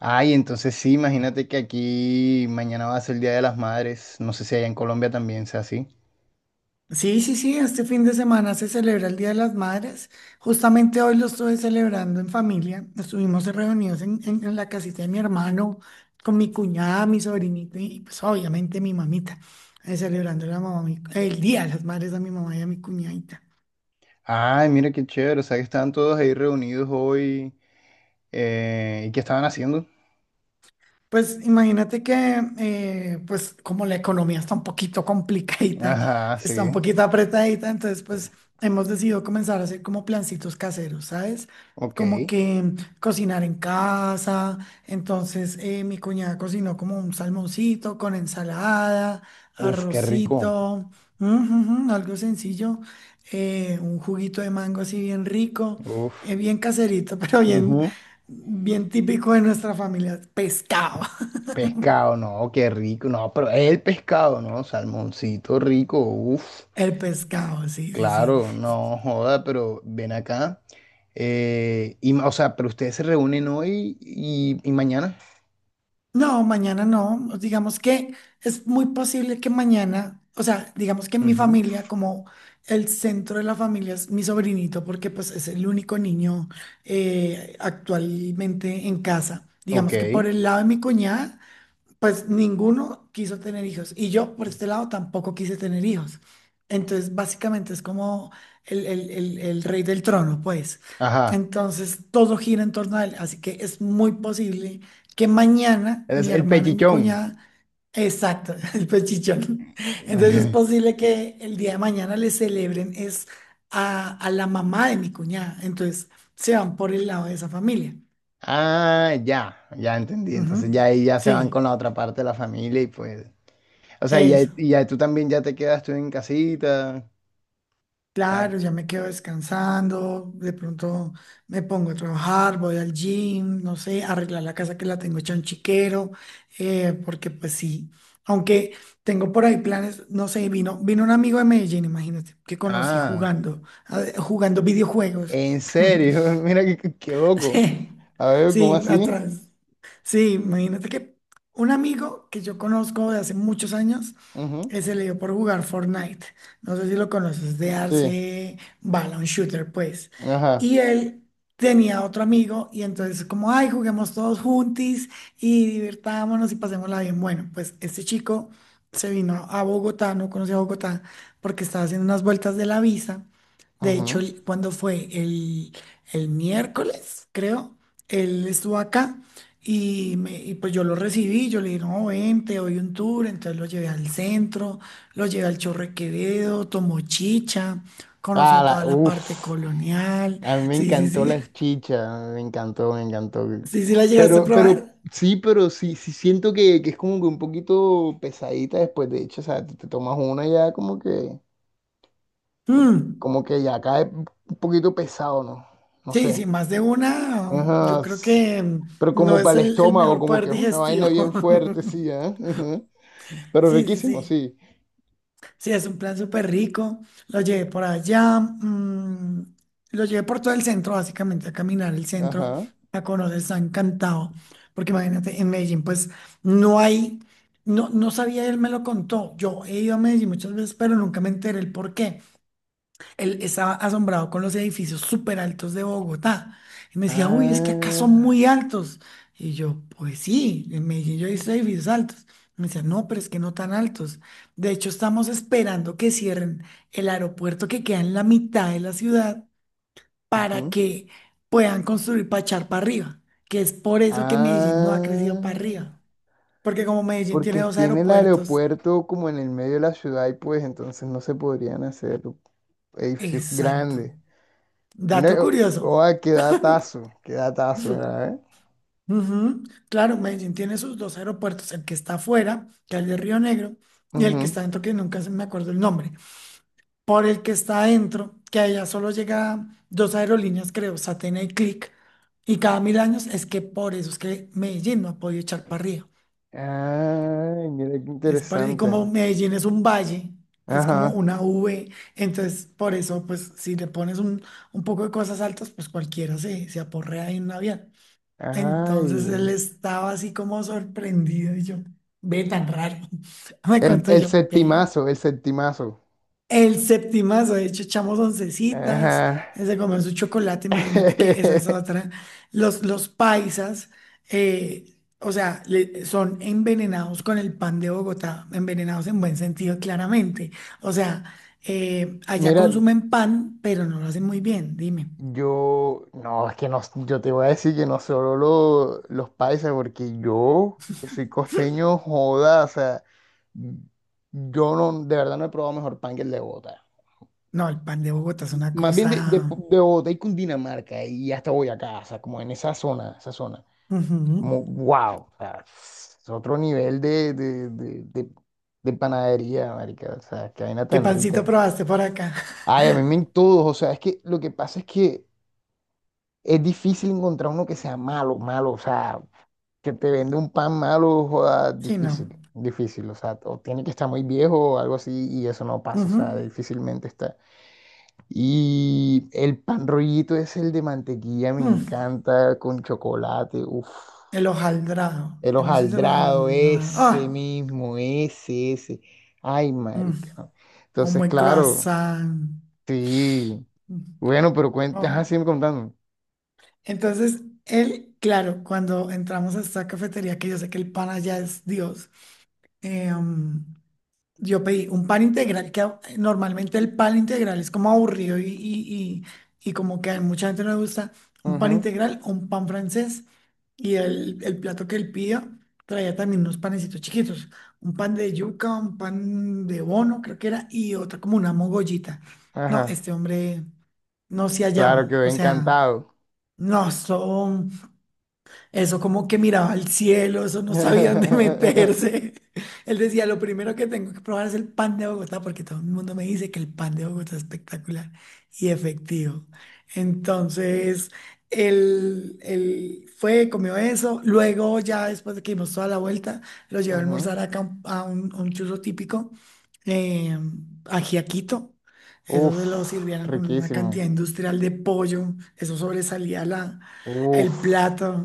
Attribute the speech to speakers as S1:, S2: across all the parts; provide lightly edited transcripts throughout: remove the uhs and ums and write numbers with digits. S1: Ay, entonces sí, imagínate que aquí mañana va a ser el Día de las Madres. No sé si allá en Colombia también sea así.
S2: Sí, sí, sí, este fin de semana se celebra el Día de las Madres. Justamente hoy lo estuve celebrando en familia. Estuvimos reunidos en la casita de mi hermano, con mi cuñada, mi sobrinito y pues obviamente mi mamita, celebrando el Día de las Madres a mi mamá y a mi cuñadita.
S1: Ay, mira qué chévere. O sea, que estaban todos ahí reunidos hoy. ¿Y qué estaban haciendo?
S2: Pues imagínate que, pues como la economía está un poquito complicadita,
S1: Ajá,
S2: está un
S1: sí.
S2: poquito apretadita, entonces pues hemos decidido comenzar a hacer como plancitos caseros, ¿sabes? Como
S1: Ok.
S2: que cocinar en casa, entonces mi cuñada cocinó como un salmoncito con ensalada,
S1: Uf, qué rico.
S2: arrocito, algo sencillo, un juguito de mango así bien rico,
S1: Uf.
S2: bien caserito, pero bien.
S1: Ujú.
S2: Bien típico de nuestra familia, pescado.
S1: Pescado, no, qué rico. No, pero el pescado, ¿no? Salmoncito rico. Uf.
S2: El pescado, sí, sí, sí.
S1: Claro,
S2: Y-
S1: no joda, pero ven acá. O sea, pero ustedes se reúnen hoy y mañana.
S2: No, mañana no. Digamos que es muy posible que mañana, o sea, digamos que en mi familia, como el centro de la familia es mi sobrinito, porque pues es el único niño actualmente en casa.
S1: Ok,
S2: Digamos que por el lado de mi cuñada. Pues ninguno quiso tener hijos y yo por este lado tampoco quise tener hijos. Entonces, básicamente es como el rey del trono, pues.
S1: ajá.
S2: Entonces, todo gira en torno a él. Así que es muy posible que mañana
S1: Es
S2: mi
S1: el
S2: hermano y mi
S1: pechichón.
S2: cuñada, exacto, el pechichón. Entonces, es posible que el día de mañana le celebren es a la mamá de mi cuñada. Entonces, se van por el lado de esa familia.
S1: Ah, ya, ya entendí.
S2: Ujú.
S1: Entonces ya ahí ya se van con
S2: Sí,
S1: la otra parte de la familia y pues. O sea, ya,
S2: eso.
S1: y ya tú también ya te quedas tú en casita.
S2: Claro,
S1: tran-
S2: ya me quedo descansando, de pronto me pongo a trabajar, voy al gym, no sé, arreglar la casa que la tengo hecha un chiquero, porque pues sí, aunque tengo por ahí planes, no sé, vino un amigo de Medellín, imagínate, que conocí
S1: Ah,
S2: jugando, jugando videojuegos.
S1: en serio, mira qué loco.
S2: Sí,
S1: A ver, ¿cómo
S2: sí,
S1: así?
S2: atrás. Sí, imagínate que un amigo que yo conozco de hace muchos años
S1: Ujú.
S2: que se le dio por jugar Fortnite. No sé si lo conoces, de
S1: Sí,
S2: darse bala, un shooter, pues.
S1: ajá.
S2: Y él tenía otro amigo y entonces como, ay, juguemos todos juntis y divirtámonos y pasémosla bien. Bueno, pues este chico se vino a Bogotá, no conocía Bogotá, porque estaba haciendo unas vueltas de la visa. De hecho,
S1: Ujú.
S2: cuando fue el miércoles, creo, él estuvo acá. Y pues yo lo recibí, yo le dije, no, ven, te doy un tour, entonces lo llevé al centro, lo llevé al Chorro de Quevedo, tomó chicha,
S1: Ah,
S2: conoció toda
S1: la,
S2: la parte
S1: uff.
S2: colonial,
S1: A mí me
S2: sí, sí,
S1: encantó
S2: sí,
S1: las chichas, me encantó, me encantó.
S2: sí, sí la llegaste a probar.
S1: Sí, pero sí, sí siento que es como que un poquito pesadita después, de hecho, o sea, te tomas una y ya
S2: Mm.
S1: como que ya cae un poquito pesado, ¿no? No
S2: Sí, sí,
S1: sé.
S2: más de una, yo
S1: Ajá,
S2: creo que
S1: pero
S2: no
S1: como
S2: es
S1: para el
S2: el
S1: estómago,
S2: mejor
S1: como
S2: poder
S1: que es una
S2: digestivo.
S1: vaina bien fuerte, sí, ¿eh? Ujú. Pero
S2: Sí, sí,
S1: riquísimo,
S2: sí.
S1: sí.
S2: Sí, es un plan súper rico. Lo llevé por allá, lo llevé por todo el centro, básicamente, a caminar el centro,
S1: Ajá.
S2: a conocer San Cantao. Porque imagínate, en Medellín, pues no hay, no, no sabía, él me lo contó. Yo he ido a Medellín muchas veces, pero nunca me enteré el por qué él estaba asombrado con los edificios súper altos de Bogotá. Y me decía, uy, es que acá son
S1: Ah.
S2: muy altos. Y yo, pues sí, en Medellín yo he visto edificios altos. Me decía, no, pero es que no tan altos. De hecho, estamos esperando que cierren el aeropuerto que queda en la mitad de la ciudad para
S1: Ujú.
S2: que puedan construir para echar para arriba, que es por eso que Medellín no ha crecido para
S1: Ah.
S2: arriba. Porque como Medellín tiene
S1: Porque
S2: dos
S1: tiene el
S2: aeropuertos,
S1: aeropuerto como en el medio de la ciudad y pues entonces no se podrían hacer edificios
S2: exacto.
S1: grandes. Mira,
S2: Dato curioso.
S1: oa, qué datazo, mira, ¿eh?
S2: Ujú. Claro, Medellín tiene sus dos aeropuertos, el que está afuera, que es el de Río Negro, y el que
S1: Ujú.
S2: está dentro, que nunca se me acuerdo el nombre. Por el que está adentro, que allá solo llega dos aerolíneas, creo, Satena y Click, y cada mil años es que por eso es que Medellín no ha podido echar para arriba.
S1: Ay, mira qué
S2: Es para, y como
S1: interesante.
S2: Medellín es un valle, es como
S1: Ajá.
S2: una V, entonces por eso, pues si le pones un poco de cosas altas, pues cualquiera se aporrea en un avión. Entonces él
S1: Ay.
S2: estaba así como sorprendido y yo, ve tan raro. Me contó
S1: El
S2: yo, ve.
S1: septimazo, el septimazo.
S2: El septimazo, de hecho, echamos oncecitas,
S1: Ajá.
S2: él se comió su chocolate, imagínate que esa es otra. Los paisas, o sea, son envenenados con el pan de Bogotá, envenenados en buen sentido, claramente. O sea, allá
S1: Mira,
S2: consumen pan, pero no lo hacen muy bien, dime.
S1: yo, no, es que no, yo te voy a decir que no solo los paisas, porque yo que soy costeño, joda, o sea. Yo no, de verdad no he probado mejor pan que el de Bogotá.
S2: No, el pan de Bogotá es una
S1: Más bien
S2: cosa.
S1: de Bogotá y Cundinamarca y hasta Boyacá, o sea, como en esa zona, esa zona.
S2: Ujú.
S1: Como wow, o sea, es otro nivel de panadería, marica, o sea, qué vaina
S2: ¿Qué
S1: tan
S2: pancito
S1: rica.
S2: probaste por acá?
S1: Ay, a mí me en todos, o sea, es que lo que pasa es que es difícil encontrar uno que sea malo, malo, o sea, que te vende un pan malo, joda,
S2: Sí, no.
S1: difícil, difícil, o sea, o tiene que estar muy viejo o algo así y eso no pasa, o sea,
S2: Ujú.
S1: difícilmente está. Y el pan rollito es el de mantequilla, me
S2: Mm.
S1: encanta con chocolate, uff.
S2: El hojaldrado.
S1: El
S2: ¿Qué me dices del
S1: hojaldrado,
S2: hojaldrado?
S1: ese
S2: ¡Ah!
S1: mismo, ese, ese. Ay,
S2: Mm.
S1: marica, no.
S2: Un
S1: Entonces,
S2: buen
S1: claro,
S2: croissant.
S1: sí.
S2: Mm.
S1: Bueno, pero cuenta,
S2: Oh.
S1: ajá, sigue contando.
S2: Entonces, él, claro, cuando entramos a esta cafetería, que yo sé que el pan allá es Dios, eh, um, Yo pedí un pan integral, que normalmente el pan integral es como aburrido y como que a mucha gente no le gusta. Un pan
S1: Ujú.
S2: integral o un pan francés. Y el plato que él pidió traía también unos panecitos chiquitos. Un pan de yuca, un pan de bono, creo que era, y otra como una mogollita. No,
S1: Ajá,
S2: este hombre no se
S1: claro,
S2: hallaba.
S1: quedé
S2: O sea,
S1: encantado.
S2: no, eso. Eso como que miraba al cielo, eso no sabía dónde meterse. Él decía, lo primero que tengo que probar es el pan de Bogotá, porque todo el mundo me dice que el pan de Bogotá es espectacular y efectivo. Entonces, él fue, comió eso. Luego, ya después de que dimos toda la vuelta, lo llevé a
S1: Ujú.
S2: almorzar acá a un churro típico, eh, ajiaquito. Eso se lo
S1: Uf,
S2: sirvieron con una cantidad
S1: riquísimo.
S2: industrial de pollo. Eso sobresalía la, el
S1: Uf,
S2: plato.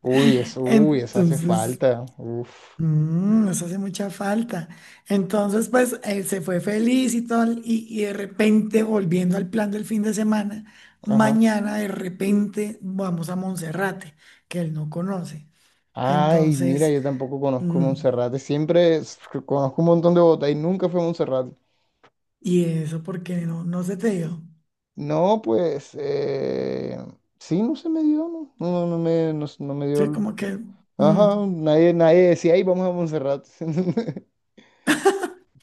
S1: uy, eso hace
S2: Entonces,
S1: falta. Uf,
S2: nos hace mucha falta. Entonces, pues él se fue feliz y todo, y de repente, volviendo al plan del fin de semana,
S1: ajá.
S2: mañana de repente vamos a Monserrate, que él no conoce.
S1: Ay, mira,
S2: Entonces,
S1: yo tampoco conozco
S2: mm,
S1: Monserrate. Conozco un montón de Bogotá y nunca fui a Monserrate.
S2: y eso porque no, no se te dio.
S1: No, pues, sí, no se me dio, no, no, no no me, no me dio.
S2: Sí, como que, mm,
S1: Ajá, nadie, nadie decía, ay, vamos a Monserrate.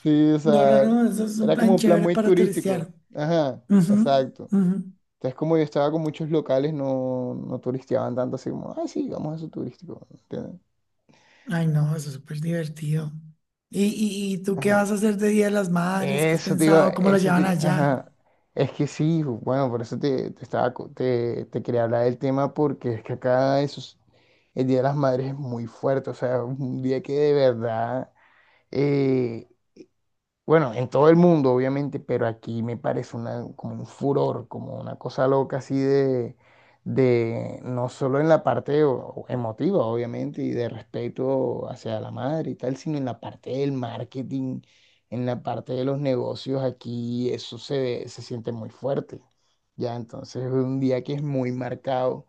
S1: Sí, o
S2: no, no,
S1: sea,
S2: no, eso es un
S1: era como
S2: plan
S1: un plan
S2: chévere
S1: muy
S2: para
S1: turístico.
S2: turistear.
S1: Ajá,
S2: Ujú,
S1: exacto.
S2: ujú.
S1: Entonces, como yo estaba con muchos locales, no, no turisteaban tanto así como, ay, sí, vamos a eso turístico. ¿Entiendes?
S2: Ay, no, eso es súper divertido. ¿Y, y tú qué vas a hacer de Día de las Madres? ¿Qué has
S1: Eso, te iba-
S2: pensado? ¿Cómo lo
S1: eso,
S2: llevan
S1: te-
S2: allá?
S1: ajá. Es que sí, bueno, por eso te estaba, te quería hablar del tema porque es que acá esos, el Día de las Madres es muy fuerte, o sea, es un día que de verdad eh, bueno, en todo el mundo, obviamente, pero aquí me parece una, como un furor, como una cosa loca así de no solo en la parte emotiva, obviamente, y de respeto hacia la madre y tal, sino en la parte del marketing, en la parte de los negocios, aquí eso se siente muy fuerte. Ya, entonces es un día que es muy marcado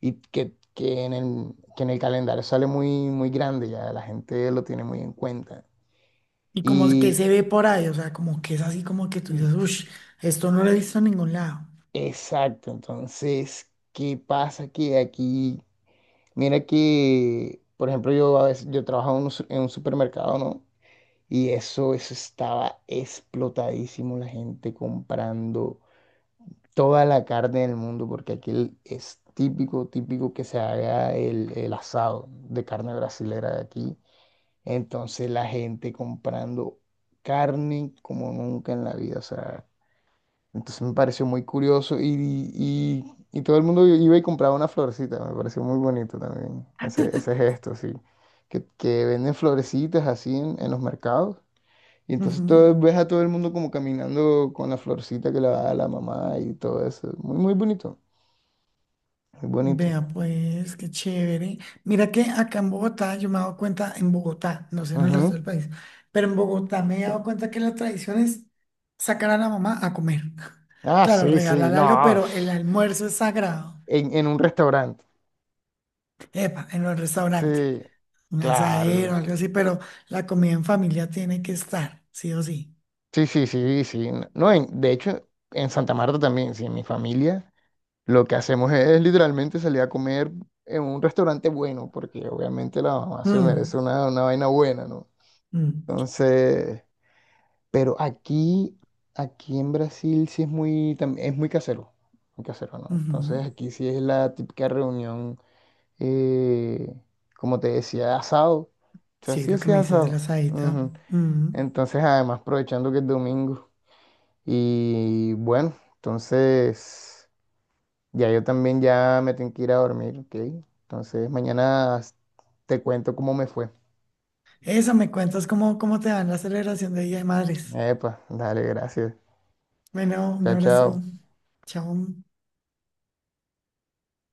S1: y que en el calendario sale muy, muy grande, ya la gente lo tiene muy en cuenta.
S2: ¿Y cómo es que
S1: Y
S2: se ve por ahí? O sea, como que es así como que tú dices, uff, esto no lo he visto en ningún lado.
S1: exacto, entonces, ¿qué pasa? Que aquí, mira que, por ejemplo, yo a veces, yo trabajaba en un, en un supermercado, ¿no? Y eso estaba explotadísimo, la gente comprando toda la carne del mundo, porque aquí es típico, típico que se haga el asado de carne brasilera de aquí. Entonces, la gente comprando carne como nunca en la vida, o sea. Entonces me pareció muy curioso y todo el mundo iba y compraba una florecita. Me pareció muy bonito también ese gesto, sí. Que venden florecitas así en los mercados. Y entonces
S2: Ujú.
S1: todo, ves a todo el mundo como caminando con la florcita que le da la mamá y todo eso. Muy, muy bonito, muy bonito.
S2: Vea, pues, qué chévere. Mira que acá en Bogotá, yo me he dado cuenta, en Bogotá, no sé en el resto
S1: Ujú.
S2: del país, pero en Bogotá me he dado cuenta que la tradición es sacar a la mamá a comer.
S1: Ah,
S2: Claro,
S1: sí, sí,
S2: regalar algo,
S1: no.
S2: pero el almuerzo es sagrado.
S1: En un restaurante.
S2: Epa, en el restaurante.
S1: Sí,
S2: Un asadero,
S1: claro.
S2: algo así, pero la comida en familia tiene que estar, sí o sí.
S1: Sí, sí, sí, sí. No, en- de hecho, en Santa Marta también, sí, en mi familia. Lo que hacemos es, literalmente salir a comer en un restaurante bueno, porque obviamente la mamá se
S2: Mm,
S1: merece una vaina buena, ¿no?
S2: mm,
S1: Entonces, pero aquí, aquí en Brasil sí es muy, es muy casero, ¿no?
S2: ujú.
S1: Entonces aquí sí es la típica reunión, eh, como te decía, asado. O sea,
S2: Sí,
S1: sí
S2: lo que me
S1: hacía
S2: dices del
S1: asado.
S2: asadito.
S1: Ujú.
S2: Mm.
S1: Entonces, además, aprovechando que es domingo. Y bueno, entonces... Ya yo también ya me tengo que ir a dormir, ¿ok? Entonces mañana te cuento cómo me fue.
S2: Eso, me cuentas cómo te va en la celebración de Día de Madres.
S1: Epa, dale, gracias.
S2: Bueno, un
S1: Chao,
S2: abrazo.
S1: chao.
S2: Chao.